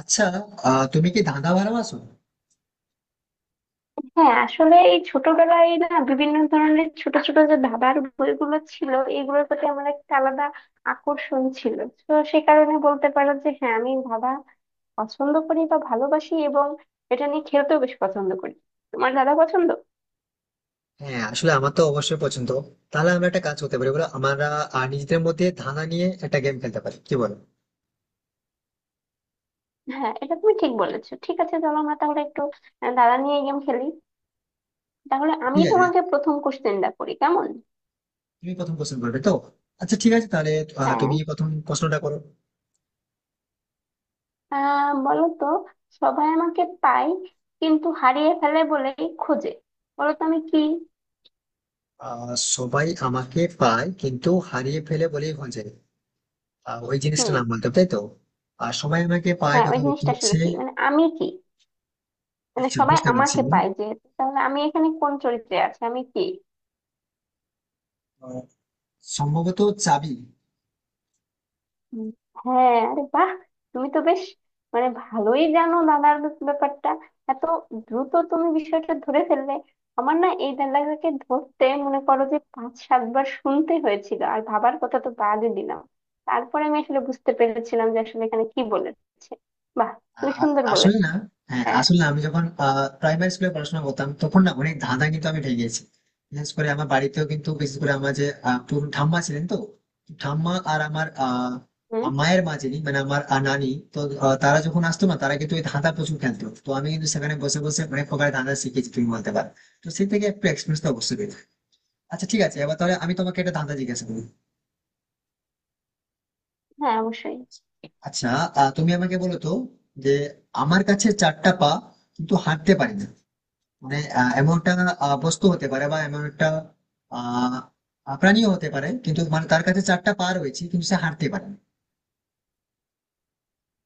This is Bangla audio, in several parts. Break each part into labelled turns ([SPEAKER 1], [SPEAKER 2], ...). [SPEAKER 1] আচ্ছা। তুমি কি ধাঁধা ভালোবাসো?
[SPEAKER 2] হ্যাঁ, আসলে এই ছোটবেলায় না বিভিন্ন ধরনের ছোট ছোট যে ধাঁধার বইগুলো ছিল, এগুলোর প্রতি আমার একটা আলাদা আকর্ষণ ছিল। তো সে কারণে বলতে পারো যে হ্যাঁ, আমি ধাঁধা পছন্দ করি বা ভালোবাসি, এবং এটা নিয়ে খেলতেও বেশ পছন্দ করি। তোমার দাদা পছন্দ?
[SPEAKER 1] হ্যাঁ, আসলে আমার তো অবশ্যই পছন্দ। তাহলে আমরা একটা কাজ করতে পারি, বলো, আমরা নিজেদের মধ্যে ধাঁধা নিয়ে একটা গেম খেলতে পারি, কি বলো?
[SPEAKER 2] হ্যাঁ, এটা তুমি ঠিক বলেছো। ঠিক আছে, চলো আমরা তাহলে একটু দাদা নিয়ে গেম খেলি। তাহলে আমি
[SPEAKER 1] ঠিক আছে।
[SPEAKER 2] তোমাকে প্রথম কোশ্চেনটা করি, কেমন?
[SPEAKER 1] তুমি প্রথম প্রশ্ন করবে তো? আচ্ছা, ঠিক আছে, তাহলে
[SPEAKER 2] হ্যাঁ।
[SPEAKER 1] তুমি প্রথম প্রশ্নটা করো।
[SPEAKER 2] বলো তো, সবাই আমাকে পায় কিন্তু হারিয়ে ফেলে বলেই খোঁজে। বলো তো আমি কি?
[SPEAKER 1] আহ সবাই আমাকে পায় কিন্তু হারিয়ে ফেলে বলেই ভুল যায়। ওই জিনিসটার
[SPEAKER 2] হুম।
[SPEAKER 1] নাম বলতে হবে, তাই তো? আর সবাই আমাকে পায়
[SPEAKER 2] হ্যাঁ, ওই
[SPEAKER 1] কথা
[SPEAKER 2] জিনিসটা আসলে
[SPEAKER 1] হচ্ছে।
[SPEAKER 2] কি, মানে আমি কি, মানে
[SPEAKER 1] আচ্ছা,
[SPEAKER 2] সবাই
[SPEAKER 1] বুঝতে পারছি
[SPEAKER 2] আমাকে
[SPEAKER 1] আমি।
[SPEAKER 2] পায় যে। তাহলে আমি এখানে কোন চরিত্রে আছি, আমি কি?
[SPEAKER 1] আহ, সম্ভবত চাবি।
[SPEAKER 2] হুম, হ্যাঁ, আরে বাহ! তুমি তো বেশ মানে ভালোই জানো দাদার ব্যাপারটা। এত দ্রুত তুমি বিষয়টা ধরে ফেললে! আমার না এই দাদাকে ধরতে মনে করো যে পাঁচ সাতবার শুনতে হয়েছিল, আর ভাবার কথা তো বাদই দিলাম। তারপরে আমি আসলে বুঝতে পেরেছিলাম যে আসলে এখানে কি বলেছে। বাহ, তুমি সুন্দর
[SPEAKER 1] আসলে
[SPEAKER 2] বলেছো।
[SPEAKER 1] না। হ্যাঁ,
[SPEAKER 2] হ্যাঁ।
[SPEAKER 1] আসলে আমি যখন প্রাইমারি স্কুলে পড়াশোনা করতাম তখন না অনেক ধাঁধা কিন্তু আমি ঠেকিয়েছি। বিশেষ করে আমার বাড়িতেও, কিন্তু বিশেষ করে আমার যে পুরো ঠাম্মা ছিলেন তো, ঠাম্মা আর আমার
[SPEAKER 2] হুম।
[SPEAKER 1] মায়ের মা, যিনি মানে আমার নানি তো, তারা যখন আসতো না, তারা কিন্তু ওই ধাঁধা প্রচুর খেলতো, তো আমি কিন্তু সেখানে বসে বসে অনেক প্রকার ধাঁধা শিখেছি তুমি বলতে পারো। তো সেই থেকে একটু এক্সপিরিয়েন্স তো অবশ্যই পেয়েছি। আচ্ছা ঠিক আছে, এবার তাহলে আমি তোমাকে একটা ধাঁধা জিজ্ঞাসা করি।
[SPEAKER 2] হ্যাঁ, অবশ্যই।
[SPEAKER 1] আচ্ছা, তুমি আমাকে বলো তো যে আমার কাছে চারটা পা কিন্তু হাঁটতে পারি না। মানে এমন একটা বস্তু হতে পারে বা এমন একটা আহ আহ, প্রাণীও হতে পারে, কিন্তু মানে তার কাছে চারটা পা রয়েছে কিন্তু সে হাঁটতে পারে না।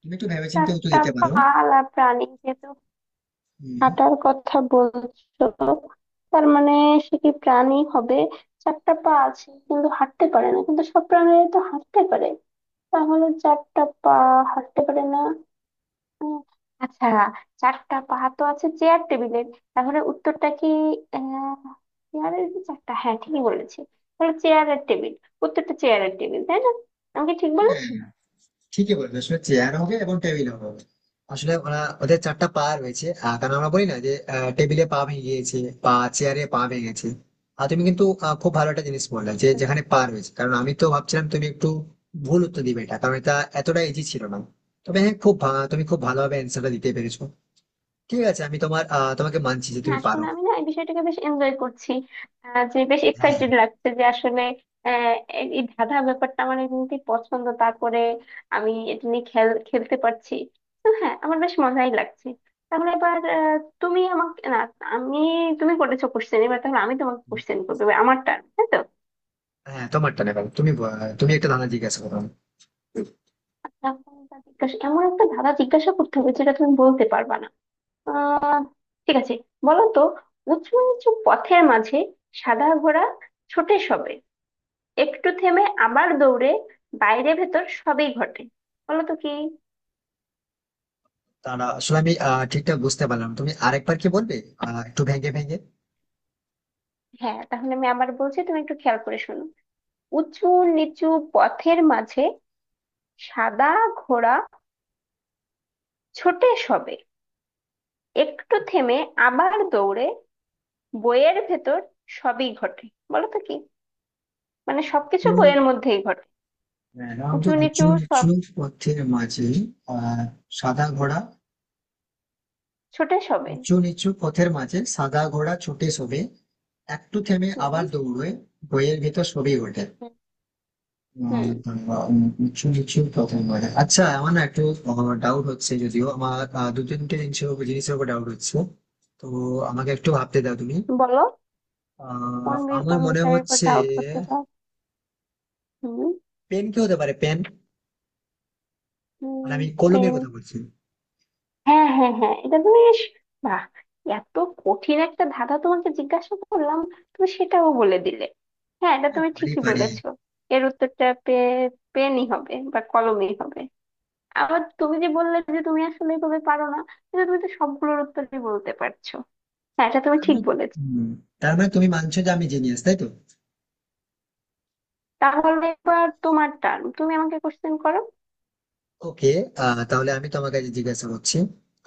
[SPEAKER 1] তুমি একটু ভেবেচিন্তে উত্তর
[SPEAKER 2] চারটা
[SPEAKER 1] দিতে পারো।
[SPEAKER 2] পালা প্রাণী যেহেতু
[SPEAKER 1] হম।
[SPEAKER 2] হাঁটার কথা বলছো, তার মানে সে কি প্রাণী হবে? চারটা পা আছে কিন্তু হাঁটতে পারে না, কিন্তু সব প্রাণীরা তো হাঁটতে পারে। তাহলে চারটা পা হাঁটতে পারে না। উম, আচ্ছা, চারটা পা তো আছে চেয়ার টেবিলের। তাহলে উত্তরটা কি? আহ চেয়ারের কি চারটা, হ্যাঁ ঠিকই বলেছি। তাহলে চেয়ারের টেবিল। উত্তরটা চেয়ারের টেবিল, তাই না? আমি কি ঠিক বলেছি?
[SPEAKER 1] ঠিকই বলবে, আসলে চেয়ার হবে এবং টেবিল হবে। আসলে ওরা, ওদের চারটা পা রয়েছে, কারণ আমরা বলি না যে টেবিলে পা ভেঙে গিয়েছে বা চেয়ারে পা ভেঙে গেছে। আর তুমি কিন্তু খুব ভালো একটা জিনিস বললে যে যেখানে পা রয়েছে, কারণ আমি তো ভাবছিলাম তুমি একটু ভুল উত্তর দিবে এটা, কারণ এটা এতটা ইজি ছিল না। তবে হ্যাঁ, তুমি খুব ভালোভাবে অ্যান্সারটা দিতে পেরেছো। ঠিক আছে, আমি তোমার তোমাকে মানছি যে
[SPEAKER 2] হ্যাঁ,
[SPEAKER 1] তুমি
[SPEAKER 2] আসলে
[SPEAKER 1] পারো।
[SPEAKER 2] আমি না এই বিষয়টাকে বেশ এনজয় করছি। যে বেশ
[SPEAKER 1] হ্যাঁ,
[SPEAKER 2] এক্সাইটেড লাগছে যে আসলে আহ, এই এই ধাঁধা ব্যাপারটা আমার এমনিতেই পছন্দ, তারপরে আমি এটা নিয়ে খেলতে পারছি। তো হ্যাঁ, আমার বেশ মজাই লাগছে। তাহলে এবার তুমি আমাকে না, আমি, তুমি করেছো কোশ্চেন, এবার তাহলে আমি তোমাকে কোশ্চেন করবো, এবার আমার টার্ন, তাই তো?
[SPEAKER 1] হ্যাঁ, তোমারটা নেবার, তুমি একটা ধারণা জিজ্ঞাসা করো আমাকে।
[SPEAKER 2] এখন তা জিজ্ঞাসা, এমন একটা ধাঁধা জিজ্ঞাসা করতে হবে যেটা তুমি বলতে পারবা না। আহ, ঠিক আছে, বলো তো, উঁচু নিচু পথের মাঝে, সাদা ঘোড়া ছোটে সবে, একটু থেমে আবার দৌড়ে, বাইরে ভেতর সবই ঘটে। বলো তো কি?
[SPEAKER 1] তারা আসলে আমি ঠিকঠাক বুঝতে পারলাম না। তুমি আরেকবার কি বলবে? একটু ভেঙে ভেঙে।
[SPEAKER 2] হ্যাঁ, তাহলে আমি আবার বলছি, তুমি একটু খেয়াল করে শোনো। উঁচু নিচু পথের মাঝে, সাদা ঘোড়া ছোটে সবে, একটু থেমে আবার দৌড়ে, বইয়ের ভেতর সবই ঘটে। বলো তো কি? মানে সবকিছু বইয়ের মধ্যেই ঘটে।
[SPEAKER 1] রামচু
[SPEAKER 2] উঁচু
[SPEAKER 1] উঁচু,
[SPEAKER 2] নিচু
[SPEAKER 1] উঁচু
[SPEAKER 2] সব।
[SPEAKER 1] নিচু পথের মাঝে আহ, সাদা ঘোড়া।
[SPEAKER 2] ছোটে সবে।
[SPEAKER 1] উঁচু নিচু পথের মাঝে সাদা ঘোড়া ছুটে শোভে, একটু থেমে
[SPEAKER 2] হুম।
[SPEAKER 1] আবার দৌড়ে, বইয়ের ভিতর সবই ঘটে।
[SPEAKER 2] হুম। হুম।
[SPEAKER 1] কিছু কিছু কথা বলে। আচ্ছা, আমার না একটু ডাউট হচ্ছে, যদিও আমার দু তিনটে জিনিসের উপর ডাউট হচ্ছে। তো আমাকে একটু ভাবতে দাও তুমি।
[SPEAKER 2] বলো। কোন বি-
[SPEAKER 1] আমার
[SPEAKER 2] কোন
[SPEAKER 1] মনে
[SPEAKER 2] বিষয়ের উপর
[SPEAKER 1] হচ্ছে
[SPEAKER 2] ডাউট হতে পার? হুম।
[SPEAKER 1] পেন কি হতে পারে, পেন? মানে
[SPEAKER 2] হুম।
[SPEAKER 1] আমি কলমের
[SPEAKER 2] পেন?
[SPEAKER 1] কথা বলছি।
[SPEAKER 2] হ্যাঁ হ্যাঁ হ্যাঁ, এটা তুমি বেশ, বাহ! এত কঠিন একটা ধাঁধা তোমাকে জিজ্ঞাসা করলাম, তুমি সেটাও বলে দিলে। হ্যাঁ, এটা
[SPEAKER 1] আরে
[SPEAKER 2] তুমি
[SPEAKER 1] পারি
[SPEAKER 2] ঠিকই
[SPEAKER 1] পারি।
[SPEAKER 2] বলেছো। এর উত্তরটা পে, পেনই হবে বা কলমেই হবে। আবার তুমি যে বললে যে তুমি আসলে এভাবে পারো না, কিন্তু তুমি তো সবগুলোর উত্তরই বলতে পারছো। হ্যাঁ, এটা তুমি
[SPEAKER 1] তার
[SPEAKER 2] ঠিক
[SPEAKER 1] মানে,
[SPEAKER 2] বলেছো।
[SPEAKER 1] হুম, তার মানে তুমি মানছো যে আমি জিনিয়াস, তাই তো?
[SPEAKER 2] তাহলে এবার তোমার টার্ন, তুমি আমাকে কোশ্চেন করো।
[SPEAKER 1] ওকে, তাহলে আমি তোমাকে আজ জিজ্ঞাসা করছি।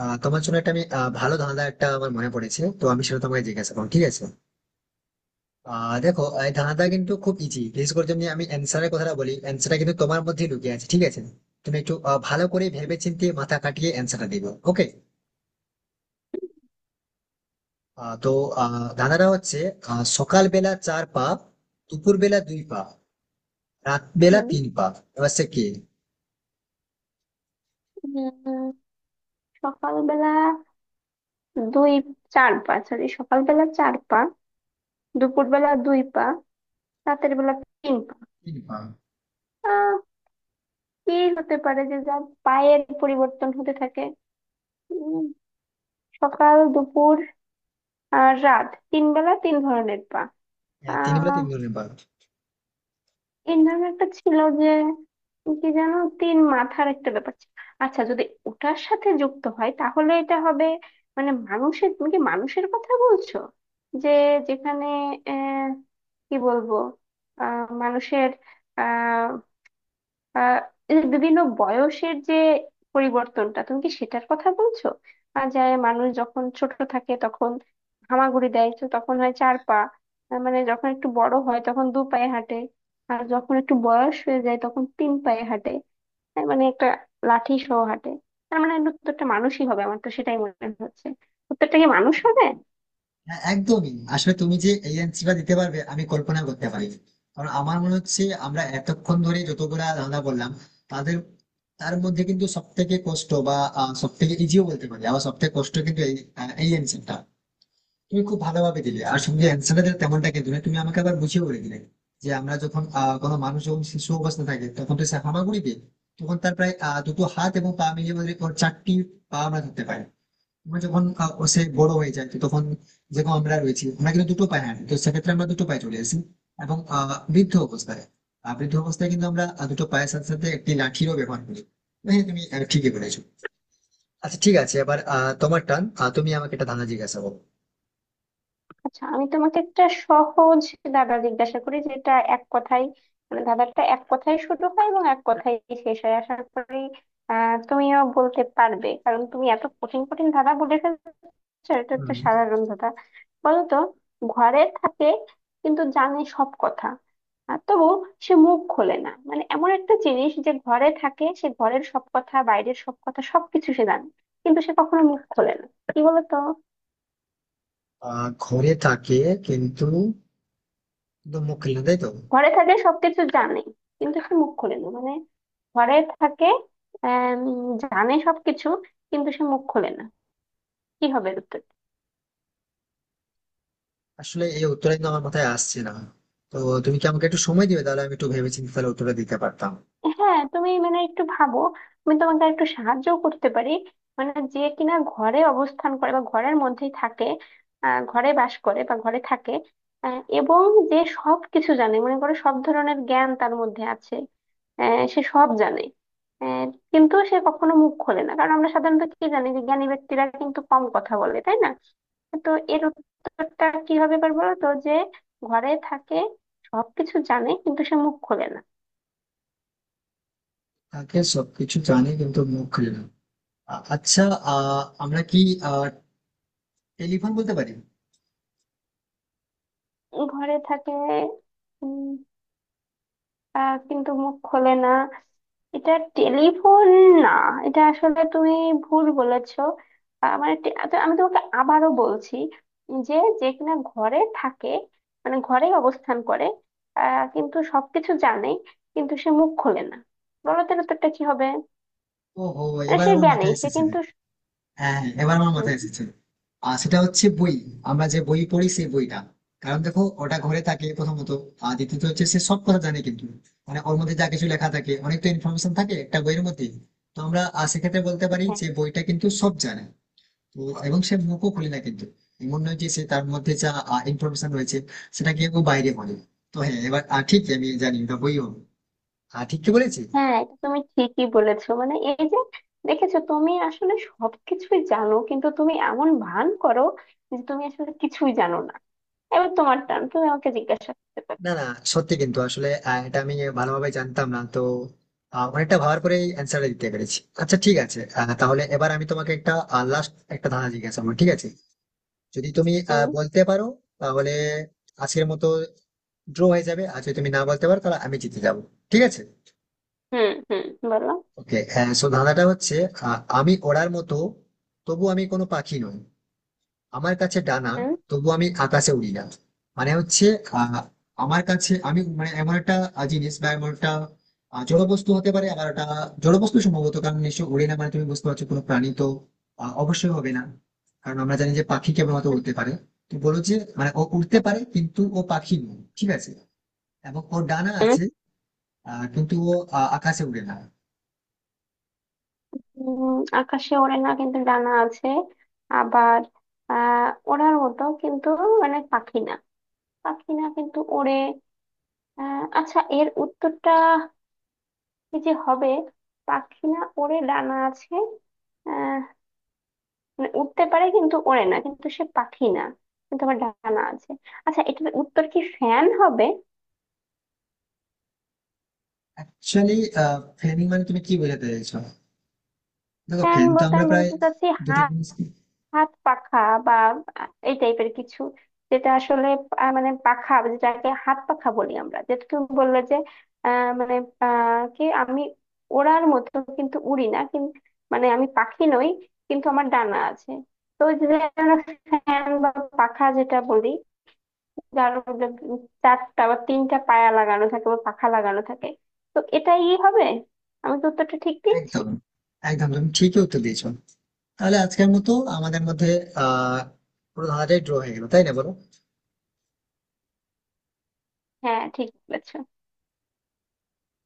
[SPEAKER 1] তোমার জন্য একটা আমি ভালো ধাঁধা একটা আমার মনে পড়েছে, তো আমি সেটা তোমাকে জিজ্ঞাসা করবো, ঠিক আছে? দেখো, এই ধাঁধাটা কিন্তু খুব ইজি, বিশেষ করে যদি আমি অ্যান্সারের কথাটা বলি। অ্যান্সারটা কিন্তু তোমার মধ্যে লুকিয়ে আছে, ঠিক আছে? তুমি একটু ভালো করে ভেবেচিন্তে মাথা কাটিয়ে অ্যান্সারটা দিবে, ওকে? তো ধাঁধাটা হচ্ছে, সকালবেলা চার পা, দুপুর বেলা দুই পা, রাত বেলা
[SPEAKER 2] হুম।
[SPEAKER 1] তিন পা, এবার সে কে?
[SPEAKER 2] উম, সকালবেলা দুই, চার পা, সরি, সকালবেলা চার পা, দুপুরবেলা দুই পা, রাতের বেলা পিঙ্ক।
[SPEAKER 1] তিন পা।
[SPEAKER 2] আহ কি হতে পারে যে যা পায়ের পরিবর্তন হতে থাকে। উম, সকাল দুপুর আর রাত, তিন বেলা তিন ধরনের পা।
[SPEAKER 1] হ্যাঁ, তিন বেলা
[SPEAKER 2] আহ
[SPEAKER 1] তিন ধরনের পা।
[SPEAKER 2] তিন ধরনের একটা ছিল যে, কি জানো, তিন মাথার একটা ব্যাপার ছিল। আচ্ছা, যদি ওটার সাথে যুক্ত হয় তাহলে এটা হবে, মানে মানুষের, তুমি কি মানুষের কথা বলছো যে, যেখানে আহ কি বলবো, মানুষের আহ এই যে বিভিন্ন বয়সের যে পরিবর্তনটা, তুমি কি সেটার কথা বলছো? আর যায়, মানুষ যখন ছোট থাকে তখন হামাগুড়ি দেয়, তো তখন হয় চার পা। মানে যখন একটু বড় হয় তখন দু পায়ে হাঁটে, আর যখন একটু বয়স হয়ে যায় তখন তিন পায়ে হাঁটে, তার মানে একটা লাঠি সহ হাঁটে। তার মানে প্রত্যেকটা মানুষই হবে, আমার তো সেটাই মনে হচ্ছে। প্রত্যেকটা কি মানুষ হবে?
[SPEAKER 1] হ্যাঁ, একদমই, আসলে তুমি যে এই অ্যান্সারটা দিতে পারবে আমি কল্পনা করতে পারি, কারণ আমার মনে হচ্ছে আমরা এতক্ষণ ধরে যতগুলা ধাঁধা বললাম তাদের, তার মধ্যে কিন্তু সব থেকে কষ্ট বা সব থেকে ইজিও বলতে পারি, আবার সব থেকে কষ্ট কিন্তু এই এই অ্যান্সারটা তুমি খুব ভালোভাবে দিলে। আর সঙ্গে অ্যান্সারটা দিলে তেমনটা কিন্তু নয়, তুমি আমাকে আবার বুঝিয়ে বলে দিলে যে আমরা যখন কোনো মানুষ যখন শিশু অবস্থা থাকে তখন তো সে হামাগুড়ি দেয়, তখন তার প্রায় দুটো হাত এবং পা মিলিয়ে বোধহয় ওর চারটি পা আমরা ধরতে পারি। আমরা যখন ও সে বড় হয়ে যায় তো তখন যেরকম আমরা রয়েছি, আমরা কিন্তু দুটো পায়ে হাঁটি, তো সেক্ষেত্রে আমরা দুটো পায়ে চলে আসি। এবং বৃদ্ধ অবস্থায় কিন্তু আমরা দুটো পায়ের সাথে সাথে একটি লাঠিরও ব্যবহার করি। তো হ্যাঁ, তুমি ঠিকই বলেছো। আচ্ছা ঠিক আছে, এবার তোমার টান, তুমি আমাকে একটা ধাঁধা জিজ্ঞাসা করো।
[SPEAKER 2] আচ্ছা, আমি তোমাকে একটা সহজ দাদা জিজ্ঞাসা করি, যেটা এক কথায়, মানে দাদাটা এক কথায় শুরু হয় এবং এক কথায় শেষ হয়। আশা করি তুমিও বলতে পারবে, কারণ তুমি এত কঠিন কঠিন দাদা বলে ফেলছো। এটা একটা
[SPEAKER 1] হুম।
[SPEAKER 2] সাধারণ দাদা। বলো তো, ঘরে থাকে কিন্তু জানে সব কথা, আর তবু সে মুখ খোলে না। মানে এমন একটা জিনিস যে ঘরে থাকে, সে ঘরের সব কথা, বাইরের সব কথা, সবকিছু সে জানে, কিন্তু সে কখনো মুখ খোলে না। কি বলো তো?
[SPEAKER 1] ঘরে থাকে কিন্তু, মুখ খুলে না, তাই তো?
[SPEAKER 2] ঘরে থাকলে সবকিছু জানে কিন্তু সে মুখ খোলে না, মানে ঘরে থাকে, আহ জানে সবকিছু, কিন্তু সে মুখ খোলে না। কি হবে এর উত্তর?
[SPEAKER 1] আসলে এই উত্তরটা কিন্তু আমার মাথায় আসছে না, তো তুমি কি আমাকে একটু সময় দিবে? তাহলে আমি একটু ভেবেচিন্তে তাহলে উত্তরটা দিতে পারতাম।
[SPEAKER 2] হ্যাঁ, তুমি মানে একটু ভাবো। আমি তোমাকে একটু সাহায্য করতে পারি। মানে যে কিনা ঘরে অবস্থান করে বা ঘরের মধ্যেই থাকে, ঘরে বাস করে বা ঘরে থাকে, এবং যে সব কিছু জানে, মনে করে সব ধরনের জ্ঞান তার মধ্যে আছে, সে সব জানে, আহ, কিন্তু সে কখনো মুখ খোলে না। কারণ আমরা সাধারণত কি জানি, যে জ্ঞানী ব্যক্তিরা কিন্তু কম কথা বলে, তাই না? তো এর উত্তরটা কি হবে এবার বলো তো, যে ঘরে থাকে, সবকিছু জানে, কিন্তু সে মুখ খোলে না।
[SPEAKER 1] তাকে সবকিছু জানি কিন্তু মুখ খুলে না। আচ্ছা, আমরা কি আহ টেলিফোন বলতে পারি?
[SPEAKER 2] ঘরে থাকে, উম, কিন্তু মুখ খোলে না। এটা টেলিফোন? না, এটা আসলে তুমি ভুল বলেছো। তো আমি তোমাকে আবারও বলছি, যে, যে কিনা ঘরে থাকে, মানে ঘরে অবস্থান করে, কিন্তু সবকিছু জানে, কিন্তু সে মুখ খোলে না। বলো তাহলে তো একটা কি হবে?
[SPEAKER 1] ওহো,
[SPEAKER 2] মানে
[SPEAKER 1] এবার
[SPEAKER 2] সে
[SPEAKER 1] আমার
[SPEAKER 2] জ্ঞানী,
[SPEAKER 1] মাথায়
[SPEAKER 2] সে
[SPEAKER 1] এসেছে।
[SPEAKER 2] কিন্তু,
[SPEAKER 1] হ্যাঁ হ্যাঁ, এবার আমার
[SPEAKER 2] হুম।
[SPEAKER 1] মাথায় এসেছে। আর সেটা হচ্ছে বই। আমরা যে বই পড়ি সেই বইটা। কারণ দেখো, ওটা ঘরে থাকে প্রথমত। আর দ্বিতীয়ত হচ্ছে সে সব কথা জানে, কিন্তু মানে ওর মধ্যে যা কিছু লেখা থাকে, অনেক তো ইনফরমেশন থাকে একটা বইয়ের মধ্যে। তো আমরা সেক্ষেত্রে বলতে পারি
[SPEAKER 2] হ্যাঁ।
[SPEAKER 1] যে বইটা কিন্তু সব জানে। তো এবং সে মুখও খুলে না, কিন্তু এমন নয় যে সে, তার মধ্যে যা ইনফরমেশন রয়েছে সেটা কেউ বাইরে বলে। তো হ্যাঁ, এবার ঠিক আমি জানি ওটা বই হবে। ঠিক কি বলেছি?
[SPEAKER 2] হ্যাঁ, এটা তুমি ঠিকই বলেছো। মানে এই যে দেখেছো, তুমি আসলে সবকিছুই জানো, কিন্তু তুমি এমন ভান করো যে তুমি আসলে কিছুই জানো না। এবার তোমার টান, তুমি আমাকে জিজ্ঞাসা করতে পারো।
[SPEAKER 1] না না, সত্যি কিন্তু আসলে এটা আমি ভালোভাবে জানতাম না তো, অনেকটা ভাবার পরে অ্যান্সারটা দিতে পেরেছি। আচ্ছা ঠিক আছে, তাহলে এবার আমি তোমাকে একটা লাস্ট একটা ধাঁধা জিজ্ঞাসা করবো, ঠিক আছে? যদি তুমি
[SPEAKER 2] হুম।
[SPEAKER 1] বলতে পারো তাহলে আজকের মতো ড্র হয়ে যাবে, আর যদি তুমি না বলতে পারো তাহলে আমি জিতে যাবো, ঠিক আছে?
[SPEAKER 2] হুম। হুম। বলো।
[SPEAKER 1] ওকে, সো ধাঁধাটা হচ্ছে, আমি ওড়ার মতো তবু আমি কোনো পাখি নই, আমার কাছে ডানা
[SPEAKER 2] হুম।
[SPEAKER 1] তবু আমি আকাশে উড়ি না। মানে হচ্ছে আহ আমার কাছে, আমি মানে এমন একটা জিনিস বা এমন একটা জড় বস্তু হতে পারে, আবার একটা জড় বস্তু সম্ভবত, কারণ নিশ্চয় উড়ে না। মানে তুমি বুঝতে পারছো, কোনো প্রাণী তো অবশ্যই হবে না, কারণ আমরা জানি যে পাখি কেবলমাত্র
[SPEAKER 2] হুম।
[SPEAKER 1] উড়তে পারে। তুমি বলো যে মানে ও উড়তে
[SPEAKER 2] হুম।
[SPEAKER 1] পারে কিন্তু ও পাখি নয়, ঠিক আছে? এবং ওর ডানা
[SPEAKER 2] হুম।
[SPEAKER 1] আছে কিন্তু ও আকাশে উড়ে না।
[SPEAKER 2] উম, আকাশে ওড়ে না কিন্তু ডানা আছে, আবার ওড়ার মতো কিন্তু মানে পাখি না, পাখি না কিন্তু ওড়ে। আচ্ছা, এর উত্তরটা কি যে হবে? পাখি না, ওড়ে, ডানা আছে, মানে উঠতে পারে কিন্তু ওড়ে না, কিন্তু সে পাখি না, কিন্তু আমার ডানা আছে। আচ্ছা, এটার উত্তর কি ফ্যান হবে?
[SPEAKER 1] অ্যাকচুয়ালি ফ্যানিং মানে তুমি কি বোঝাতে চাইছো? দেখো,
[SPEAKER 2] ফ্যান
[SPEAKER 1] ফ্যান তো
[SPEAKER 2] বলতে
[SPEAKER 1] আমরা
[SPEAKER 2] আমি
[SPEAKER 1] প্রায়
[SPEAKER 2] বোঝাতে চাচ্ছি
[SPEAKER 1] দুটো
[SPEAKER 2] হাত
[SPEAKER 1] জিনিস কি?
[SPEAKER 2] হাত পাখা, বা এই টাইপের কিছু, যেটা আসলে মানে পাখা, যেটাকে হাত পাখা বলি আমরা, যেটা তুমি বললে যে আহ মানে আহ কি আমি ওড়ার মতো কিন্তু উড়ি না, কিন্তু মানে আমি পাখি নই, কিন্তু আমার ডানা আছে। তো ওই যে আমরা ফ্যান বা পাখা যেটা বলি, যার মধ্যে চারটা বা তিনটা পায়া লাগানো থাকে বা পাখা লাগানো থাকে। তো এটাই হবে। আমি তো উত্তরটা ঠিক দিয়েছি।
[SPEAKER 1] একদম, একদম তুমি ঠিকই উত্তর দিয়েছো। তাহলে আজকের মতো আমাদের মধ্যে আহ পুরো ধাঁধাটাই ড্র হয়ে গেল, তাই না বলো?
[SPEAKER 2] হ্যাঁ, ঠিক বলেছ।